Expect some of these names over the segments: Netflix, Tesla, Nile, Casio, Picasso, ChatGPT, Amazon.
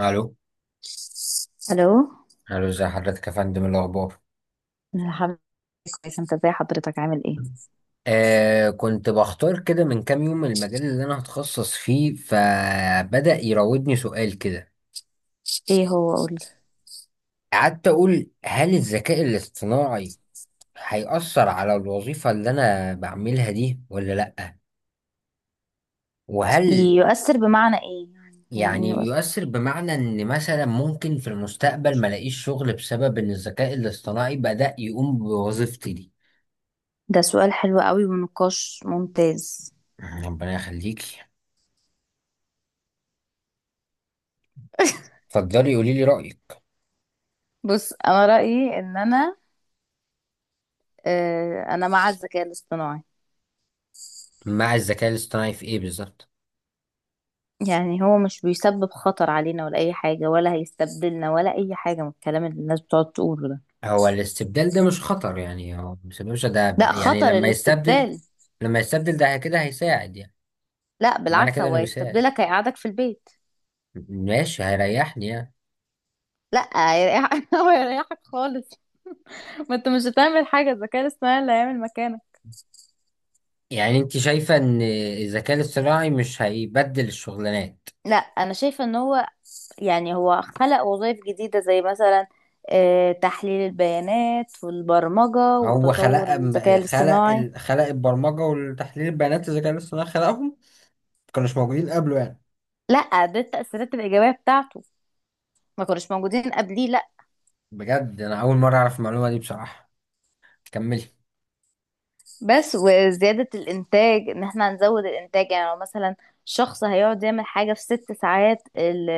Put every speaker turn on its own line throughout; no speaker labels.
الو.
الو.
الو، ازي حضرتك يا فندم؟ إيه الاخبار؟
أنا الحمد لله كويس، انت ازاي حضرتك؟ عامل ايه؟
آه كنت بختار كده من كام يوم المجال اللي انا هتخصص فيه، فبدأ يراودني سؤال كده.
ايه هو قولي.
قعدت اقول هل الذكاء الاصطناعي هيأثر على الوظيفة اللي انا بعملها دي ولا لأ؟ وهل
يؤثر بمعنى ايه؟ يعني يعني ايه
يعني
يؤثر؟
بيؤثر بمعنى ان مثلا ممكن في المستقبل ما الاقيش شغل بسبب ان الذكاء الاصطناعي بدأ يقوم بوظيفتي دي؟
ده سؤال حلو قوي ونقاش ممتاز.
ربنا يخليكي، اتفضلي قولي لي رأيك.
بص، انا رأيي ان انا مع الذكاء الاصطناعي.
مع الذكاء الاصطناعي في ايه بالظبط؟
يعني هو مش بيسبب خطر علينا ولا اي حاجة، ولا هيستبدلنا ولا اي حاجة من الكلام اللي الناس بتقعد تقوله ده.
هو الاستبدال ده مش خطر؟ يعني هو مش باشا ده
لا،
يعني
خطر
لما يستبدل.
الاستبدال؟
لما يستبدل ده كده هيساعد يعني.
لا
معنى
بالعكس،
كده
هو
انه بيساعد،
هيستبدلك هيقعدك في البيت.
ماشي هيريحني يعني.
لا هيريح- هو هيريحك خالص. ما انت مش هتعمل حاجة، الذكاء الاصطناعي اللي هيعمل مكانك.
يعني انت شايفة ان الذكاء الاصطناعي مش هيبدل الشغلانات؟
لا انا شايفه ان هو يعني هو خلق وظائف جديده، زي مثلا تحليل البيانات والبرمجه
هو
وتطور
خلق
الذكاء
خلق
الاصطناعي.
خلق البرمجة والتحليل البيانات؟ الذكاء الاصطناعي خلقهم؟ ما كانوش موجودين قبله يعني؟
لا، ده التاثيرات الايجابيه بتاعته. ما كناش موجودين قبليه، لا.
بجد انا اول مرة اعرف المعلومة دي بصراحة. كملي.
بس وزياده الانتاج، ان احنا هنزود الانتاج. يعني لو مثلا شخص هيقعد يعمل حاجه في ست ساعات،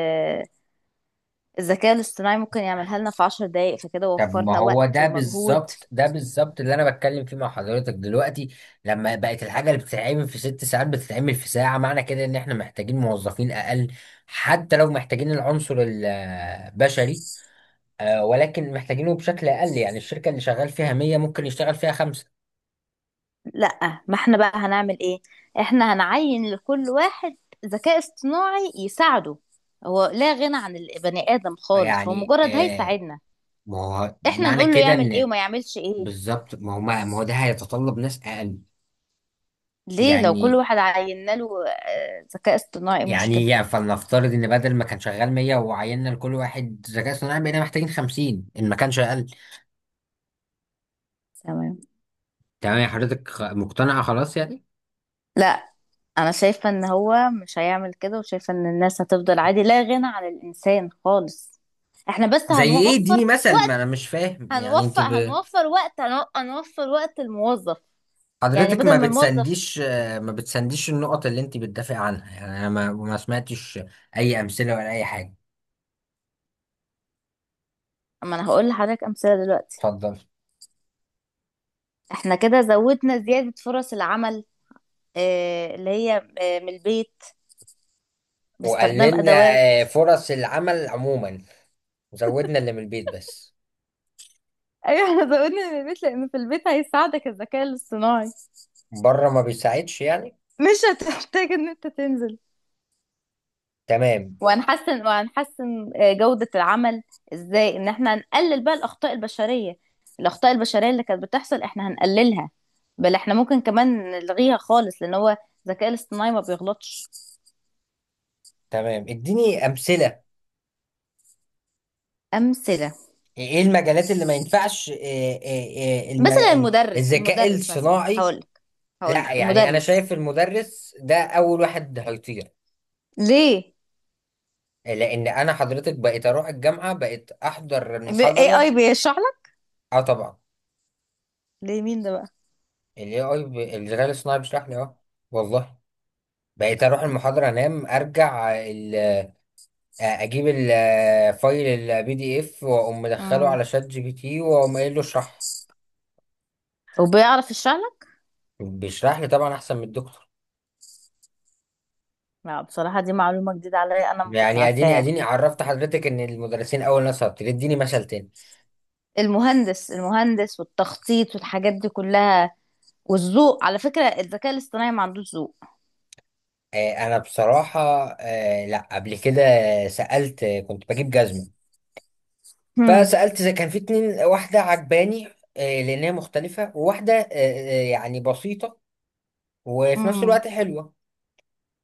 الذكاء الاصطناعي ممكن يعملها لنا في عشر دقايق، فكده
طب ما
وفرنا
هو
وقت
ده
ومجهود.
بالظبط، اللي انا بتكلم فيه مع حضرتك دلوقتي. لما بقت الحاجه اللي بتتعمل في ست ساعات بتتعمل في ساعه، معنى كده ان احنا محتاجين موظفين اقل. حتى لو محتاجين العنصر البشري، ولكن محتاجينه بشكل اقل. يعني الشركه اللي شغال فيها 100 ممكن يشتغل فيها خمسه.
لا، ما احنا بقى هنعمل ايه؟ احنا هنعين لكل واحد ذكاء اصطناعي يساعده. هو لا غنى عن البني ادم خالص، هو
يعني
مجرد هيساعدنا.
ما هو
احنا
معنى
نقول له
كده
يعمل ايه
ان
وما يعملش ايه.
بالظبط. ما هو ما هو ده هيتطلب ناس اقل.
ليه؟ لو كل
يعني
واحد عينا له ذكاء اصطناعي، إيه المشكله؟
يعني يا فلنفترض ان بدل ما كان شغال 100 وعيننا لكل واحد ذكاء اصطناعي بقينا محتاجين 50، ان ما كانش اقل؟
تمام.
تمام يا حضرتك مقتنعه خلاص يعني.
لا انا شايفه ان هو مش هيعمل كده، وشايفه ان الناس هتفضل عادي، لا غنى عن الانسان خالص. احنا بس
زي ايه؟ اديني
هنوفر
مثل،
وقت،
ما انا مش فاهم يعني انت
هنوفر هنوفر وقت، هنوفر وقت الموظف. يعني
حضرتك
بدل
ما
ما الموظف،
بتسنديش، ما بتسنديش النقط اللي انت بتدافع عنها. يعني انا ما سمعتش اي امثله ولا اي حاجه.
اما انا هقول لحضرتك امثله دلوقتي.
اتفضل.
احنا كده زودنا زياده فرص العمل، اللي هي من البيت باستخدام
وقللنا
ادوات.
فرص العمل عموما، وزودنا اللي من البيت بس.
ايوه احنا زودنا من البيت، لان في البيت هيساعدك الذكاء الاصطناعي،
بره ما بيساعدش يعني؟
مش هتحتاج ان انت تنزل.
تمام.
وهنحسن جوده العمل. ازاي؟ ان احنا هنقلل بقى الاخطاء البشريه. الاخطاء البشريه اللي كانت بتحصل احنا هنقللها، بل احنا ممكن كمان نلغيها خالص، لان هو الذكاء الاصطناعي ما بيغلطش.
تمام، اديني امثله.
امثله؟
ايه المجالات اللي ما ينفعش،
مثلا المدرس
الذكاء
المدرس مثلا،
الصناعي؟
هقولك
لا،
هقولك
يعني انا
المدرس.
شايف المدرس ده اول واحد هيطير.
ليه؟
لان انا حضرتك بقيت اروح الجامعه، بقيت احضر
AI
المحاضره.
بيشرح لك؟
اه طبعا.
ليه، مين ده بقى؟
الاي اي الذكاء الصناعي بيشرح لي. اه، والله. بقيت اروح المحاضره انام ارجع اجيب الفايل البي دي اف، واقوم مدخله على
امم
شات جي بي تي واقوم قايل له اشرح.
وبيعرف يشرح لك؟
بيشرح لي طبعا احسن من الدكتور.
لا بصراحة دي معلومة جديدة عليا، أنا ما كنتش
يعني اديني
عارفاها.
اديني عرفت حضرتك ان المدرسين اول ناس هبطل. اديني مثل تاني.
المهندس والتخطيط والحاجات دي كلها، والذوق. على فكرة، الذكاء الاصطناعي ما عندوش ذوق.
آه انا بصراحه لا قبل كده سالت. كنت بجيب جزمه
هم.
فسالت. زي كان في اتنين، واحده عجباني آه لان هي مختلفه، وواحده يعني بسيطه وفي نفس
هم.
الوقت حلوه.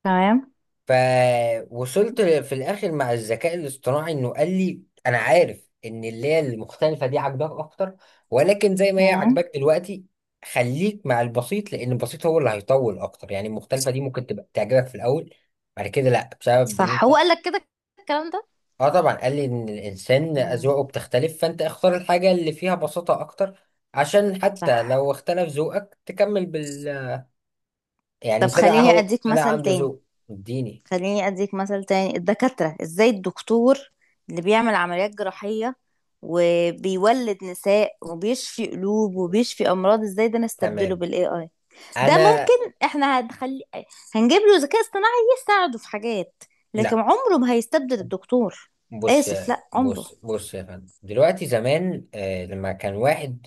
تمام.
فوصلت في الاخر مع الذكاء الاصطناعي انه قال لي انا عارف ان اللي هي المختلفه دي عاجباك اكتر، ولكن زي ما هي
تمام.
عاجباك دلوقتي خليك مع البسيط، لان البسيط هو اللي هيطول اكتر. يعني المختلفه دي ممكن تبقى تعجبك في الاول، بعد كده لا، بسبب ان
صح، هو
انت.
قال لك كده الكلام ده؟
اه طبعا قال لي ان الانسان
امم.
اذواقه بتختلف، فانت اختار الحاجه اللي فيها بساطه اكتر عشان حتى
صح.
لو اختلف ذوقك تكمل بال.
طب
يعني طلع
خليني
اهو،
أديك
طلع
مثل
عنده
تاني.
ذوق. اديني.
خليني اديك مثل تاني، الدكاترة ازاي؟ الدكتور اللي بيعمل عمليات جراحية وبيولد نساء وبيشفي قلوب وبيشفي امراض، ازاي ده نستبدله
تمام.
بالاي اي؟ ده
انا.
ممكن احنا هنخلي، هنجيب له ذكاء اصطناعي يساعده في حاجات، لكن
لا.
عمره ما هيستبدل الدكتور.
بص
اسف،
يا
لا عمره.
بص بص يا فندم، دلوقتي زمان لما كان واحد.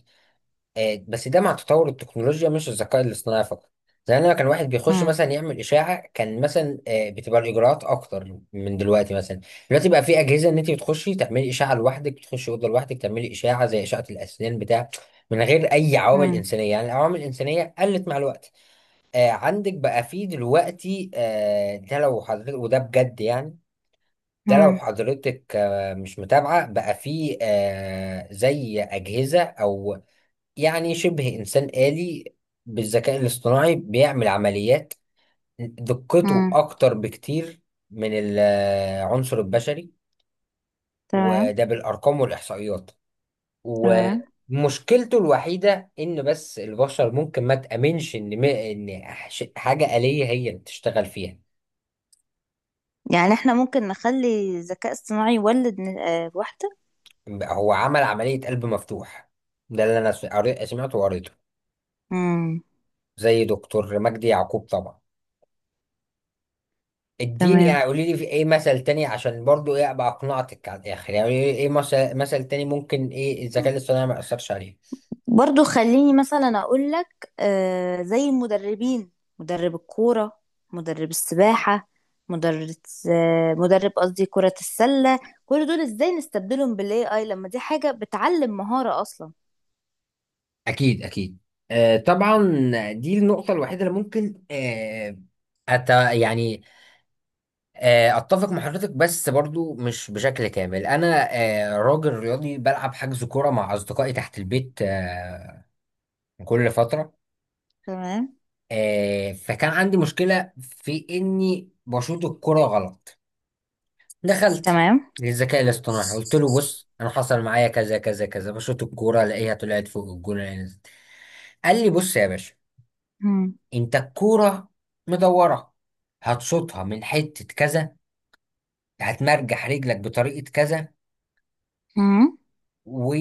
آه بس ده مع تطور التكنولوجيا مش الذكاء الاصطناعي فقط. زمان لما كان واحد بيخش
مم.
مثلا يعمل اشاعه كان مثلا بتبقى الاجراءات اكتر من دلوقتي. مثلا دلوقتي بقى في اجهزه ان انت بتخشي تعملي اشاعه لوحدك، بتخشي اوضه لوحدك تعملي اشاعه زي اشعه الاسنان بتاع، من غير اي عوامل
مم.
انسانيه. يعني العوامل الانسانيه قلت مع الوقت. آه عندك بقى في دلوقتي، آه ده لو حضرتك وده بجد يعني، ده لو
مم.
حضرتك مش متابعة، بقى فيه زي أجهزة أو يعني شبه إنسان آلي بالذكاء الاصطناعي بيعمل عمليات. دقته
مم.
أكتر بكتير من العنصر البشري.
تمام.
وده بالأرقام والإحصائيات.
تمام.
ومشكلته الوحيدة إن بس البشر ممكن ما تأمنش إن إن حاجة آلية هي اللي تشتغل فيها.
يعني احنا ممكن نخلي ذكاء اصطناعي يولد واحدة؟
هو عمل عملية قلب مفتوح. ده اللي أنا سمعته وقريته.
مم.
زي دكتور مجدي يعقوب طبعا. اديني يعني
تمام.
قولي لي في ايه مثل تاني، عشان برضو ايه ابقى اقنعتك على الاخر. يعني قولي لي ايه مثل تاني ممكن ايه الذكاء الاصطناعي ما ياثرش عليه.
برضو خليني مثلا اقول لك زي المدربين، مدرب الكورة، مدرب السباحة، مدرب، آه مدرب قصدي كرة السلة، كل دول ازاي نستبدلهم بالاي اي لما دي حاجة بتعلم مهارة اصلا؟
اكيد اكيد، آه طبعا. دي النقطه الوحيده اللي ممكن آه أت يعني اتفق مع حضرتك، بس برضو مش بشكل كامل. انا آه راجل رياضي بلعب حجز كوره مع اصدقائي تحت البيت آه كل فتره.
تمام.
آه فكان عندي مشكله في اني بشوط الكوره غلط. دخلت
تمام.
للذكاء الاصطناعي، قلت له بص انا حصل معايا كذا كذا كذا، بشوط الكوره الاقيها طلعت فوق الجون ألاقيها نزلت. قال لي بص يا باشا،
مم.
انت الكوره مدوره، هتشوطها من حته كذا، هتمرجح رجلك بطريقه كذا
مم.
و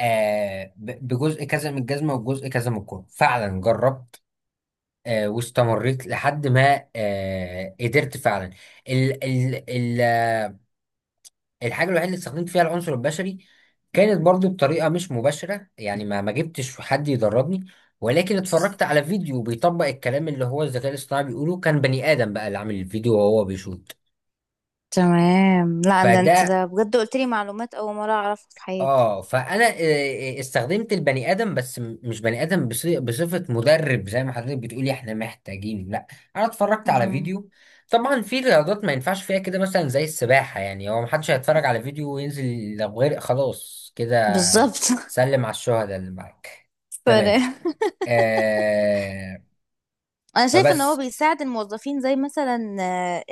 بجزء كذا من الجزمه وجزء كذا من الكوره. فعلا جربت، واستمريت لحد ما قدرت فعلا. ال ال ال الحاجة الوحيدة اللي استخدمت فيها العنصر البشري كانت برضو بطريقة مش مباشرة، يعني ما جبتش حد يدربني، ولكن اتفرجت على فيديو بيطبق الكلام اللي هو الذكاء الاصطناعي بيقوله. كان بني آدم بقى اللي عامل الفيديو وهو بيشوت.
تمام. لا ده انت
فده
ده بجد قلت لي معلومات اول مرة اعرفها في حياتي.
اه فانا استخدمت البني ادم، بس مش بني ادم بصفه مدرب زي ما حضرتك بتقولي احنا محتاجين. لا انا اتفرجت على
مم.
فيديو. طبعا في رياضات ما ينفعش فيها كده، مثلا زي السباحه يعني، هو محدش هيتفرج على فيديو وينزل، لو غرق خلاص كده.
بالظبط.
سلم على الشهداء اللي معاك. تمام. آه
انا شايف ان هو
فبس.
بيساعد الموظفين، زي مثلا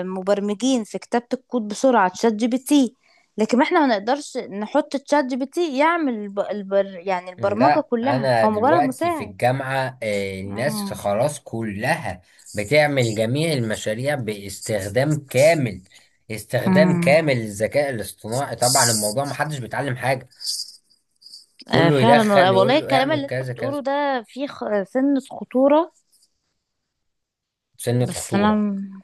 المبرمجين في كتابة الكود بسرعة تشات جي بي تي، لكن احنا ما نقدرش نحط تشات جي بي تي يعمل يعني البرمجة
لا
كلها،
انا
هو مجرد
دلوقتي في
مساعد.
الجامعة الناس
مم.
خلاص كلها بتعمل جميع المشاريع باستخدام كامل، استخدام
مم.
كامل للذكاء الاصطناعي. طبعا الموضوع محدش بيتعلم حاجة، كله
فعلا
يدخل
والله، والله
يقول له
الكلام
اعمل
اللي انت
كذا كذا.
بتقوله ده فيه سن خطورة.
سنة
بس انا
خطورة
م-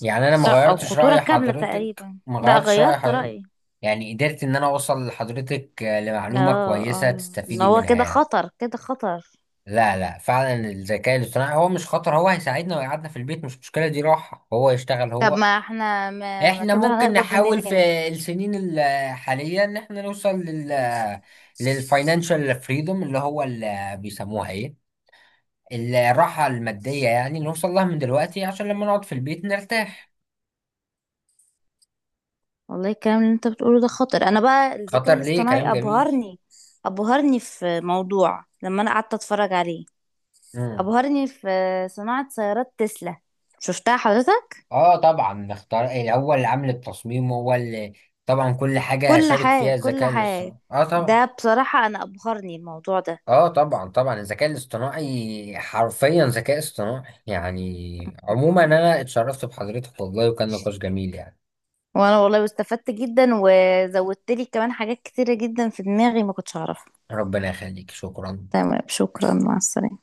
يعني. انا ما
لا او
غيرتش
خطورة
رأي
كاملة
حضرتك،
تقريبا،
ما
لا
غيرتش رأي
غيرت
حضرتك.
رأيي.
يعني قدرت ان انا اوصل لحضرتك لمعلومة
اه
كويسة
اه، ان
تستفيدي
هو
منها
كده
يعني.
خطر، كده خطر.
لا لا، فعلا الذكاء الاصطناعي هو مش خطر، هو هيساعدنا ويقعدنا في البيت، مش مشكلة دي راحة، هو يشتغل
طب
هو.
ما احنا ما
احنا
كده
ممكن
هنقبض
نحاول
منين؟
في السنين الحالية ان احنا نوصل للفاينانشال فريدوم، اللي هو اللي بيسموها ايه، الراحة المادية، يعني نوصل لها من دلوقتي عشان لما نقعد في البيت نرتاح.
والله الكلام اللي انت بتقوله ده خطر. انا بقى الذكاء
خطر ليه؟ كلام
الاصطناعي
جميل.
ابهرني، ابهرني في موضوع لما انا قعدت اتفرج عليه،
امم
ابهرني في صناعة سيارات تسلا. شفتها حضرتك؟
اه طبعا. نختار الاول، عامل التصميم هو اللي، طبعا كل حاجة
كل
شارك
حاجة،
فيها
كل
الذكاء
حاجة.
الاصطناعي اه طبعا.
ده بصراحة انا ابهرني الموضوع ده.
اه طبعا طبعا، الذكاء الاصطناعي حرفيا ذكاء اصطناعي يعني. عموما
مم.
انا اتشرفت بحضرتك والله، وكان نقاش جميل يعني.
وانا والله استفدت جدا، وزودت لي كمان حاجات كتيرة جدا في دماغي ما كنتش اعرفها.
ربنا يخليك، شكرا.
تمام، شكرا، مع السلامة.